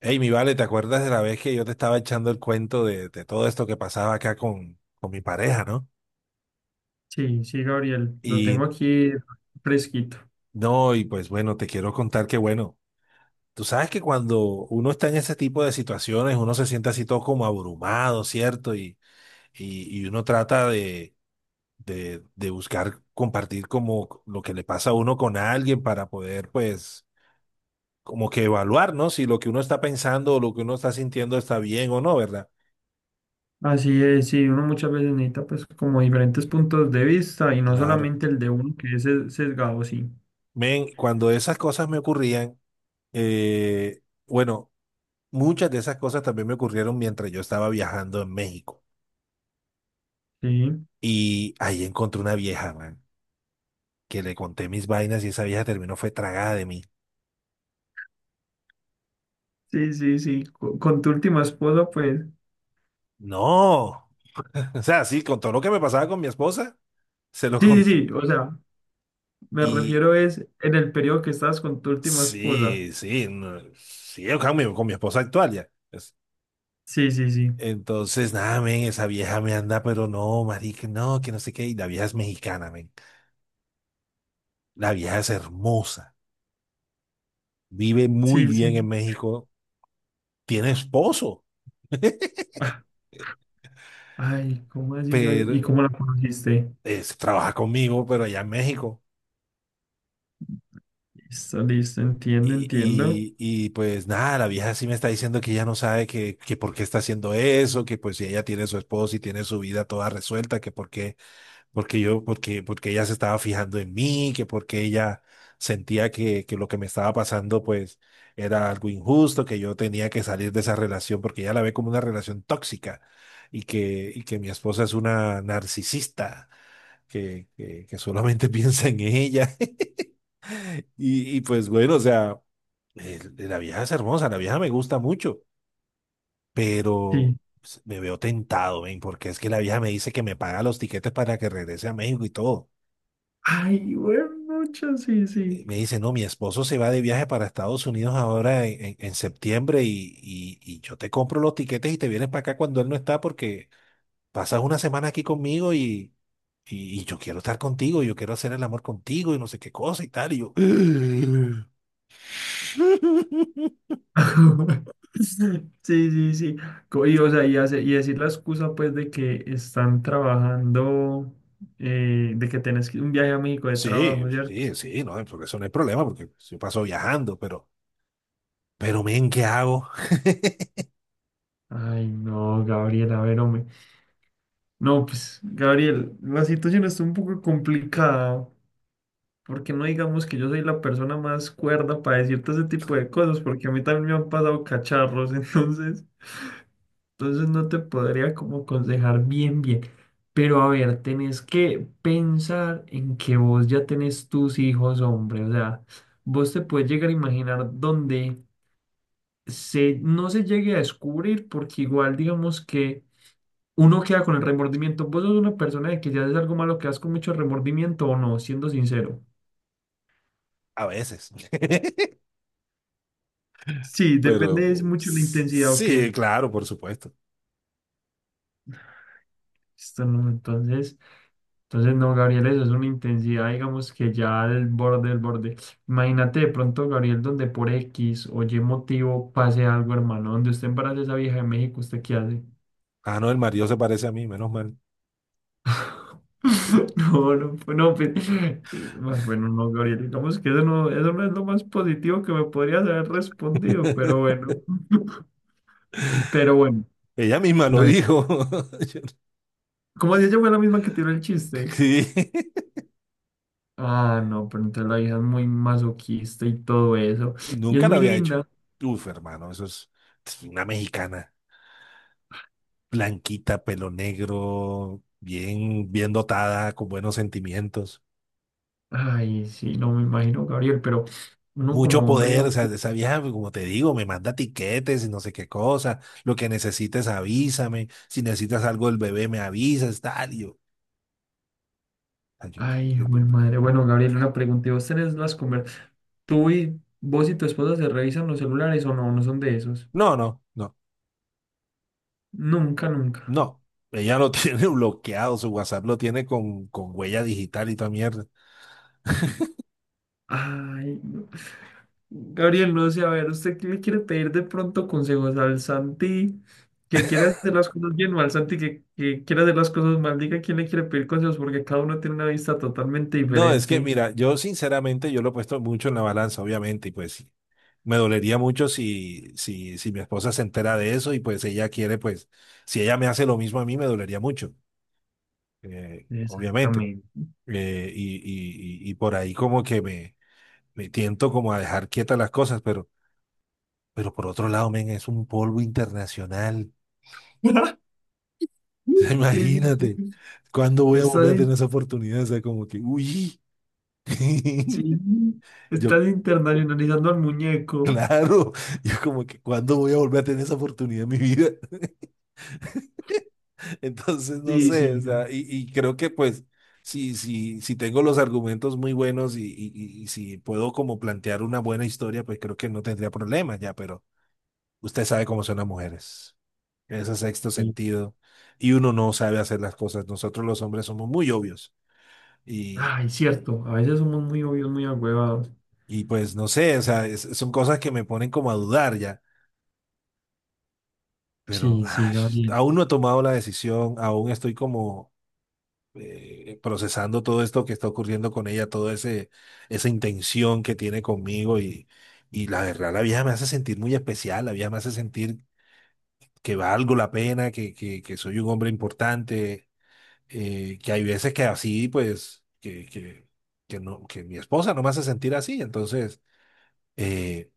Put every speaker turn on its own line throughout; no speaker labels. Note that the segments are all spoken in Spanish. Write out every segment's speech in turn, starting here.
Hey, mi vale, ¿te acuerdas de la vez que yo te estaba echando el cuento de todo esto que pasaba acá con mi pareja, no?
Sí, sí, Gabriel, lo tengo
Y
aquí fresquito.
no, y pues bueno, te quiero contar que bueno, tú sabes que cuando uno está en ese tipo de situaciones, uno se siente así todo como abrumado, ¿cierto? Y uno trata de buscar compartir como lo que le pasa a uno con alguien para poder, pues, como que evaluar, ¿no? Si lo que uno está pensando o lo que uno está sintiendo está bien o no, ¿verdad?
Así es, sí, uno muchas veces necesita pues como diferentes puntos de vista y no
Claro.
solamente el de uno que es sesgado, sí.
Men, cuando esas cosas me ocurrían, eh, bueno, muchas de esas cosas también me ocurrieron mientras yo estaba viajando en México.
Sí,
Y ahí encontré una vieja, man, que le conté mis vainas y esa vieja terminó fue tragada de mí.
sí, sí, con tu última esposa pues.
No. O sea, sí, con todo lo que me pasaba con mi esposa, se lo
Sí,
conté.
sí, sí, o sea, me
Y
refiero es en el periodo que estabas con tu última esposa.
sí, sí, no, sí, yo con mi esposa actual ya.
Sí, sí, sí,
Entonces, nada, men, esa vieja me anda, pero no, marica, no, que no sé qué. Y la vieja es mexicana, men. La vieja es hermosa, vive muy
sí, sí.
bien en México, tiene esposo,
Ah, ay, ¿cómo así, Gabriel? ¿Y
pero
cómo la conociste?
trabaja conmigo, pero allá en México.
Listo, listo, entiendo, entiendo.
Y, y, pues nada, la vieja sí me está diciendo que ella no sabe que por qué está haciendo eso, que pues si ella tiene su esposo y tiene su vida toda resuelta, que por qué. Porque ella se estaba fijando en mí, que porque ella sentía que lo que me estaba pasando, pues, era algo injusto, que yo tenía que salir de esa relación, porque ella la ve como una relación tóxica, y que mi esposa es una narcisista, que solamente piensa en ella. Y pues bueno, o sea, la vieja es hermosa, la vieja me gusta mucho, pero
Sí.
pues, me veo tentado, ven, porque es que la vieja me dice que me paga los tiquetes para que regrese a México y todo.
Ay, bueno, mucho, sí, sí.
Me dice, no, mi esposo se va de viaje para Estados Unidos ahora en septiembre y yo te compro los tiquetes y te vienes para acá cuando él no está porque pasas una semana aquí conmigo y yo quiero estar contigo, yo quiero hacer el amor contigo y no sé qué cosa y tal. Y yo,
Sí, sí, sí. Y, o sea, y, y decir la excusa pues de que están trabajando, de que un viaje a México de
sí,
trabajo, ¿cierto?
sí, sí, no, porque eso no hay problema porque yo paso viajando, pero, men, ¿qué hago?
Ay, no, Gabriel, a ver, hombre. No, pues, Gabriel, la situación está un poco complicada, porque no digamos que yo soy la persona más cuerda para decirte ese tipo de cosas, porque a mí también me han pasado cacharros, entonces. Entonces no te podría como aconsejar bien, bien. Pero a ver, tenés que pensar en que vos ya tenés tus hijos, hombre. O sea, vos te puedes llegar a imaginar donde se, no se llegue a descubrir, porque igual digamos que uno queda con el remordimiento. ¿Vos sos una persona de que ya haces algo malo, quedas con mucho remordimiento o no? Siendo sincero.
A veces.
Sí,
Pero
depende es mucho la intensidad, ok.
sí, claro, por supuesto.
Esto no, entonces. Entonces, no, Gabriel, eso es una intensidad, digamos que ya del borde, del borde. Imagínate de pronto, Gabriel, donde por X o Y motivo pase algo, hermano, donde usted embarace a esa vieja de México, ¿usted qué hace?
Ah, no, el marido se parece a mí, menos mal.
No, no, pues, no, pues, bueno, no, Gabriel, digamos que eso no es lo más positivo que me podrías haber respondido, pero bueno, pero bueno,
Ella misma lo
Gabriel,
dijo. No,
como si ella fue la misma que tiró el chiste.
sí.
Ah, no, pero entonces la vieja es muy masoquista y todo eso,
Y
y es
nunca lo
muy
había hecho.
linda.
Uf, hermano, eso es una mexicana, blanquita, pelo negro, bien, bien dotada, con buenos sentimientos.
Ay, sí, no me imagino, Gabriel, pero uno
Mucho
como hombre
poder,
no.
o sea, esa vieja, pues, como te digo, me manda tiquetes y no sé qué cosa. Lo que necesites, avísame. Si necesitas algo del bebé, me avisas, tal. Ay,
Ay,
yo-
güey, madre.
yo-
Bueno, Gabriel, una pregunta. ¿Y vos tenés las conversaciones? ¿Tú y vos y tu esposa se revisan los celulares o no? No son de esos.
no, no, no.
Nunca, nunca.
No, ella lo tiene bloqueado, su WhatsApp lo tiene con, huella digital y toda mierda.
Ay, no. Gabriel, no sé, a ver, ¿usted qué le quiere pedir de pronto consejos al Santi que quiere hacer las cosas bien o al Santi que, quiere hacer las cosas mal? Diga quién le quiere pedir consejos porque cada uno tiene una vista totalmente
No, es que
diferente.
mira, yo sinceramente yo lo he puesto mucho en la balanza, obviamente, y pues me dolería mucho si mi esposa se entera de eso y pues ella quiere, pues, si ella me hace lo mismo a mí, me dolería mucho, obviamente.
Exactamente.
Y por ahí como que me tiento como a dejar quietas las cosas, pero por otro lado, men, es un polvo internacional.
Sí, sí,
Imagínate,
sí.
¿cuándo voy a volver a
está
tener
in-
esa oportunidad? O sea, como que, uy,
sí,
yo,
estás internacionalizando al muñeco.
claro, yo como que, ¿cuándo voy a volver a tener esa oportunidad en mi vida? Entonces, no
Sí,
sé, o
sí,
sea,
Gabriel.
y creo que pues, si tengo los argumentos muy buenos y si puedo como plantear una buena historia, pues creo que no tendría problemas ya, pero usted sabe cómo son las mujeres, ese sexto
Sí.
sentido, y uno no sabe hacer las cosas. Nosotros los hombres somos muy obvios y,
Ay, cierto. A veces somos muy obvios, muy agüevados.
y pues no sé, o sea, son cosas que me ponen como a dudar ya, pero
Sí, sí,
ay,
Gabriel.
aún no he tomado la decisión, aún estoy como procesando todo esto que está ocurriendo con ella, toda ese, esa intención que tiene conmigo y la verdad, la vieja me hace sentir muy especial, la vieja me hace sentir que valgo la pena, que soy un hombre importante, que hay veces que así, pues, que no, que mi esposa no me hace sentir así, entonces. eh,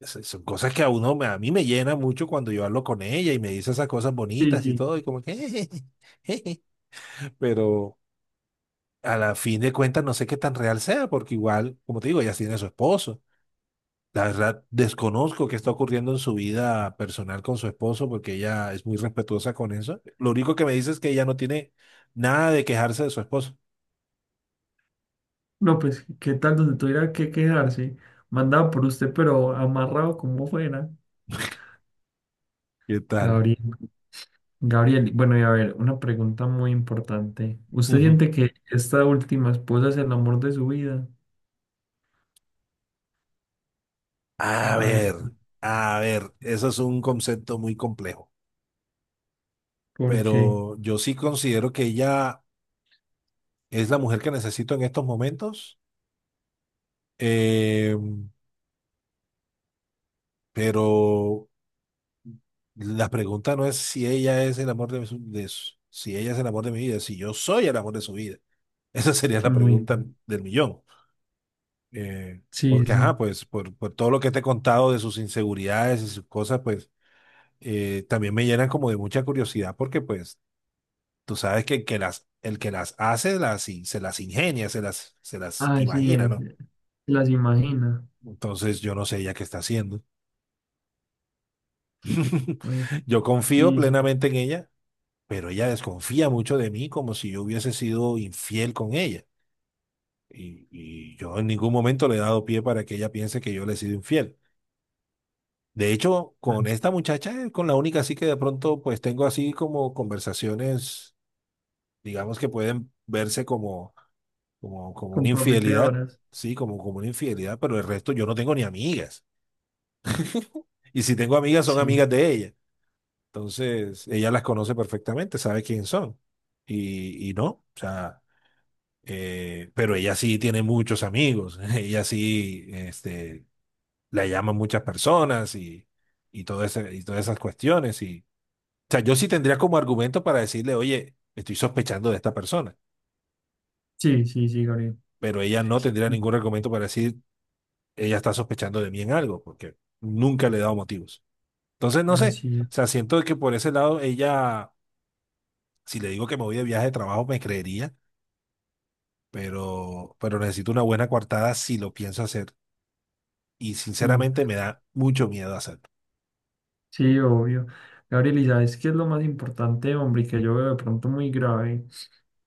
son cosas que a uno, a mí me llena mucho cuando yo hablo con ella y me dice esas cosas
Sí,
bonitas y
sí.
todo, y como que, jeje, pero a la fin de cuentas no sé qué tan real sea, porque igual, como te digo, ella tiene a su esposo. La verdad, desconozco qué está ocurriendo en su vida personal con su esposo, porque ella es muy respetuosa con eso. Lo único que me dice es que ella no tiene nada de quejarse de su esposo.
No, pues, ¿qué tal donde tuviera que quejarse mandado por usted, pero amarrado como fuera?
¿Qué tal?
Gabriel. Gabriel, bueno, y a ver, una pregunta muy importante. ¿Usted
Ujú.
siente que esta última esposa es el amor de su vida?
A
A ver,
ver, a ver, eso es un concepto muy complejo,
¿por qué?
pero yo sí considero que ella es la mujer que necesito en estos momentos, eh, pero la pregunta no es si ella es el amor si ella es el amor de mi vida, si yo soy el amor de su vida. Esa sería la
Muy.
pregunta del millón. Eh,
Sí,
Porque, ajá,
sí.
pues por todo lo que te he contado de sus inseguridades y sus cosas, pues también me llenan como de mucha curiosidad porque, pues, tú sabes que el que las hace, se las ingenia, se las
Así
imagina,
es.
¿no?
Las imagina.
Entonces, yo no sé ella qué está haciendo.
Oye,
Yo confío
sí, sí,
plenamente en ella, pero ella desconfía mucho de mí como si yo hubiese sido infiel con ella. Y yo en ningún momento le he dado pie para que ella piense que yo le he sido infiel. De hecho, con
las
esta muchacha, es con la única así que de pronto pues tengo así como conversaciones, digamos que pueden verse como, como una infidelidad,
comprometedoras.
sí, como una infidelidad, pero el resto yo no tengo ni amigas. Y si tengo amigas, son
Sí,
amigas de ella. Entonces, ella las conoce perfectamente, sabe quién son. Y no, o sea, pero ella sí tiene muchos amigos, ella sí, este, la llaman muchas personas y, y todas esas cuestiones. Y, o sea, yo sí tendría como argumento para decirle, oye, estoy sospechando de esta persona,
sí, sí, sí, Gabriel.
pero ella no tendría ningún argumento para decir, ella está sospechando de mí en algo, porque nunca le he dado motivos. Entonces, no
Ah,
sé,
sí,
o sea, siento que por ese lado ella, si le digo que me voy de viaje de trabajo, me creería, pero necesito una buena coartada si lo pienso hacer. Y
sí,
sinceramente me da mucho miedo hacerlo.
sí, obvio. Gabriel, ¿y sabes qué es lo más importante, hombre, y que yo veo de pronto muy grave?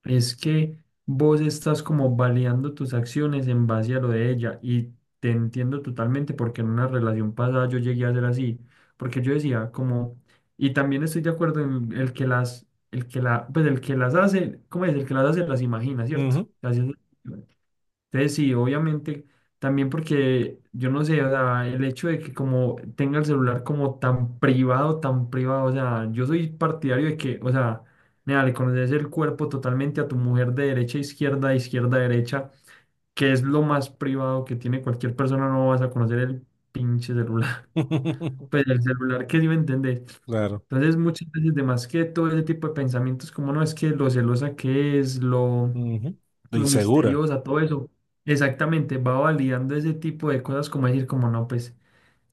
Es que vos estás como baleando tus acciones en base a lo de ella. Y te entiendo totalmente porque en una relación pasada yo llegué a ser así. Porque yo decía como, y también estoy de acuerdo en el que las, el que la, pues el que las hace, ¿cómo es? El que las hace las imagina, ¿cierto?
Ujú.
Así es. Entonces, sí, obviamente, también porque yo no sé, o sea, el hecho de que como tenga el celular como tan privado, o sea, yo soy partidario de que, o sea, nada, le conoces el cuerpo totalmente a tu mujer de derecha a izquierda, de izquierda a derecha, que es lo más privado que tiene cualquier persona, no vas a conocer el pinche celular, pues el celular que sí me entendés.
Claro.
Entonces, muchas veces, de más que todo ese tipo de pensamientos, como no es que lo celosa que es,
Ujú. Lo
lo
insegura.
misteriosa, todo eso, exactamente, va validando ese tipo de cosas como decir, como no, pues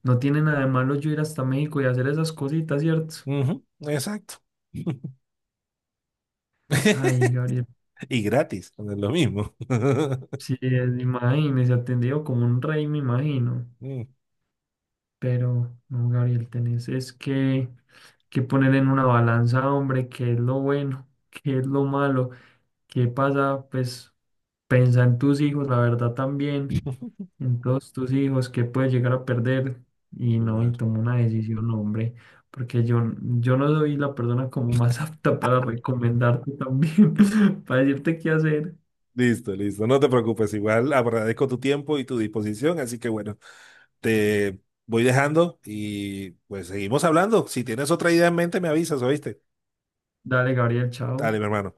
no tiene nada de malo yo ir hasta México y hacer esas cositas, ¿cierto?
Ujú. Exacto.
Ay, Gabriel,
Y gratis, no es lo mismo.
sí, imagínese, atendido como un rey, me imagino,
Mm.
pero no, Gabriel, tenés es que poner en una balanza, hombre, qué es lo bueno, qué es lo malo, qué pasa, pues pensa en tus hijos, la verdad también. Entonces tus hijos, que puedes llegar a perder y no, y
Claro.
toma una decisión, hombre, porque yo no soy la persona como más apta para recomendarte también, para decirte qué hacer.
Listo, listo. No te preocupes, igual agradezco tu tiempo y tu disposición, así que bueno, te voy dejando y pues seguimos hablando. Si tienes otra idea en mente, me avisas, ¿oíste?
Dale, Gabriel,
Dale,
chao.
mi hermano.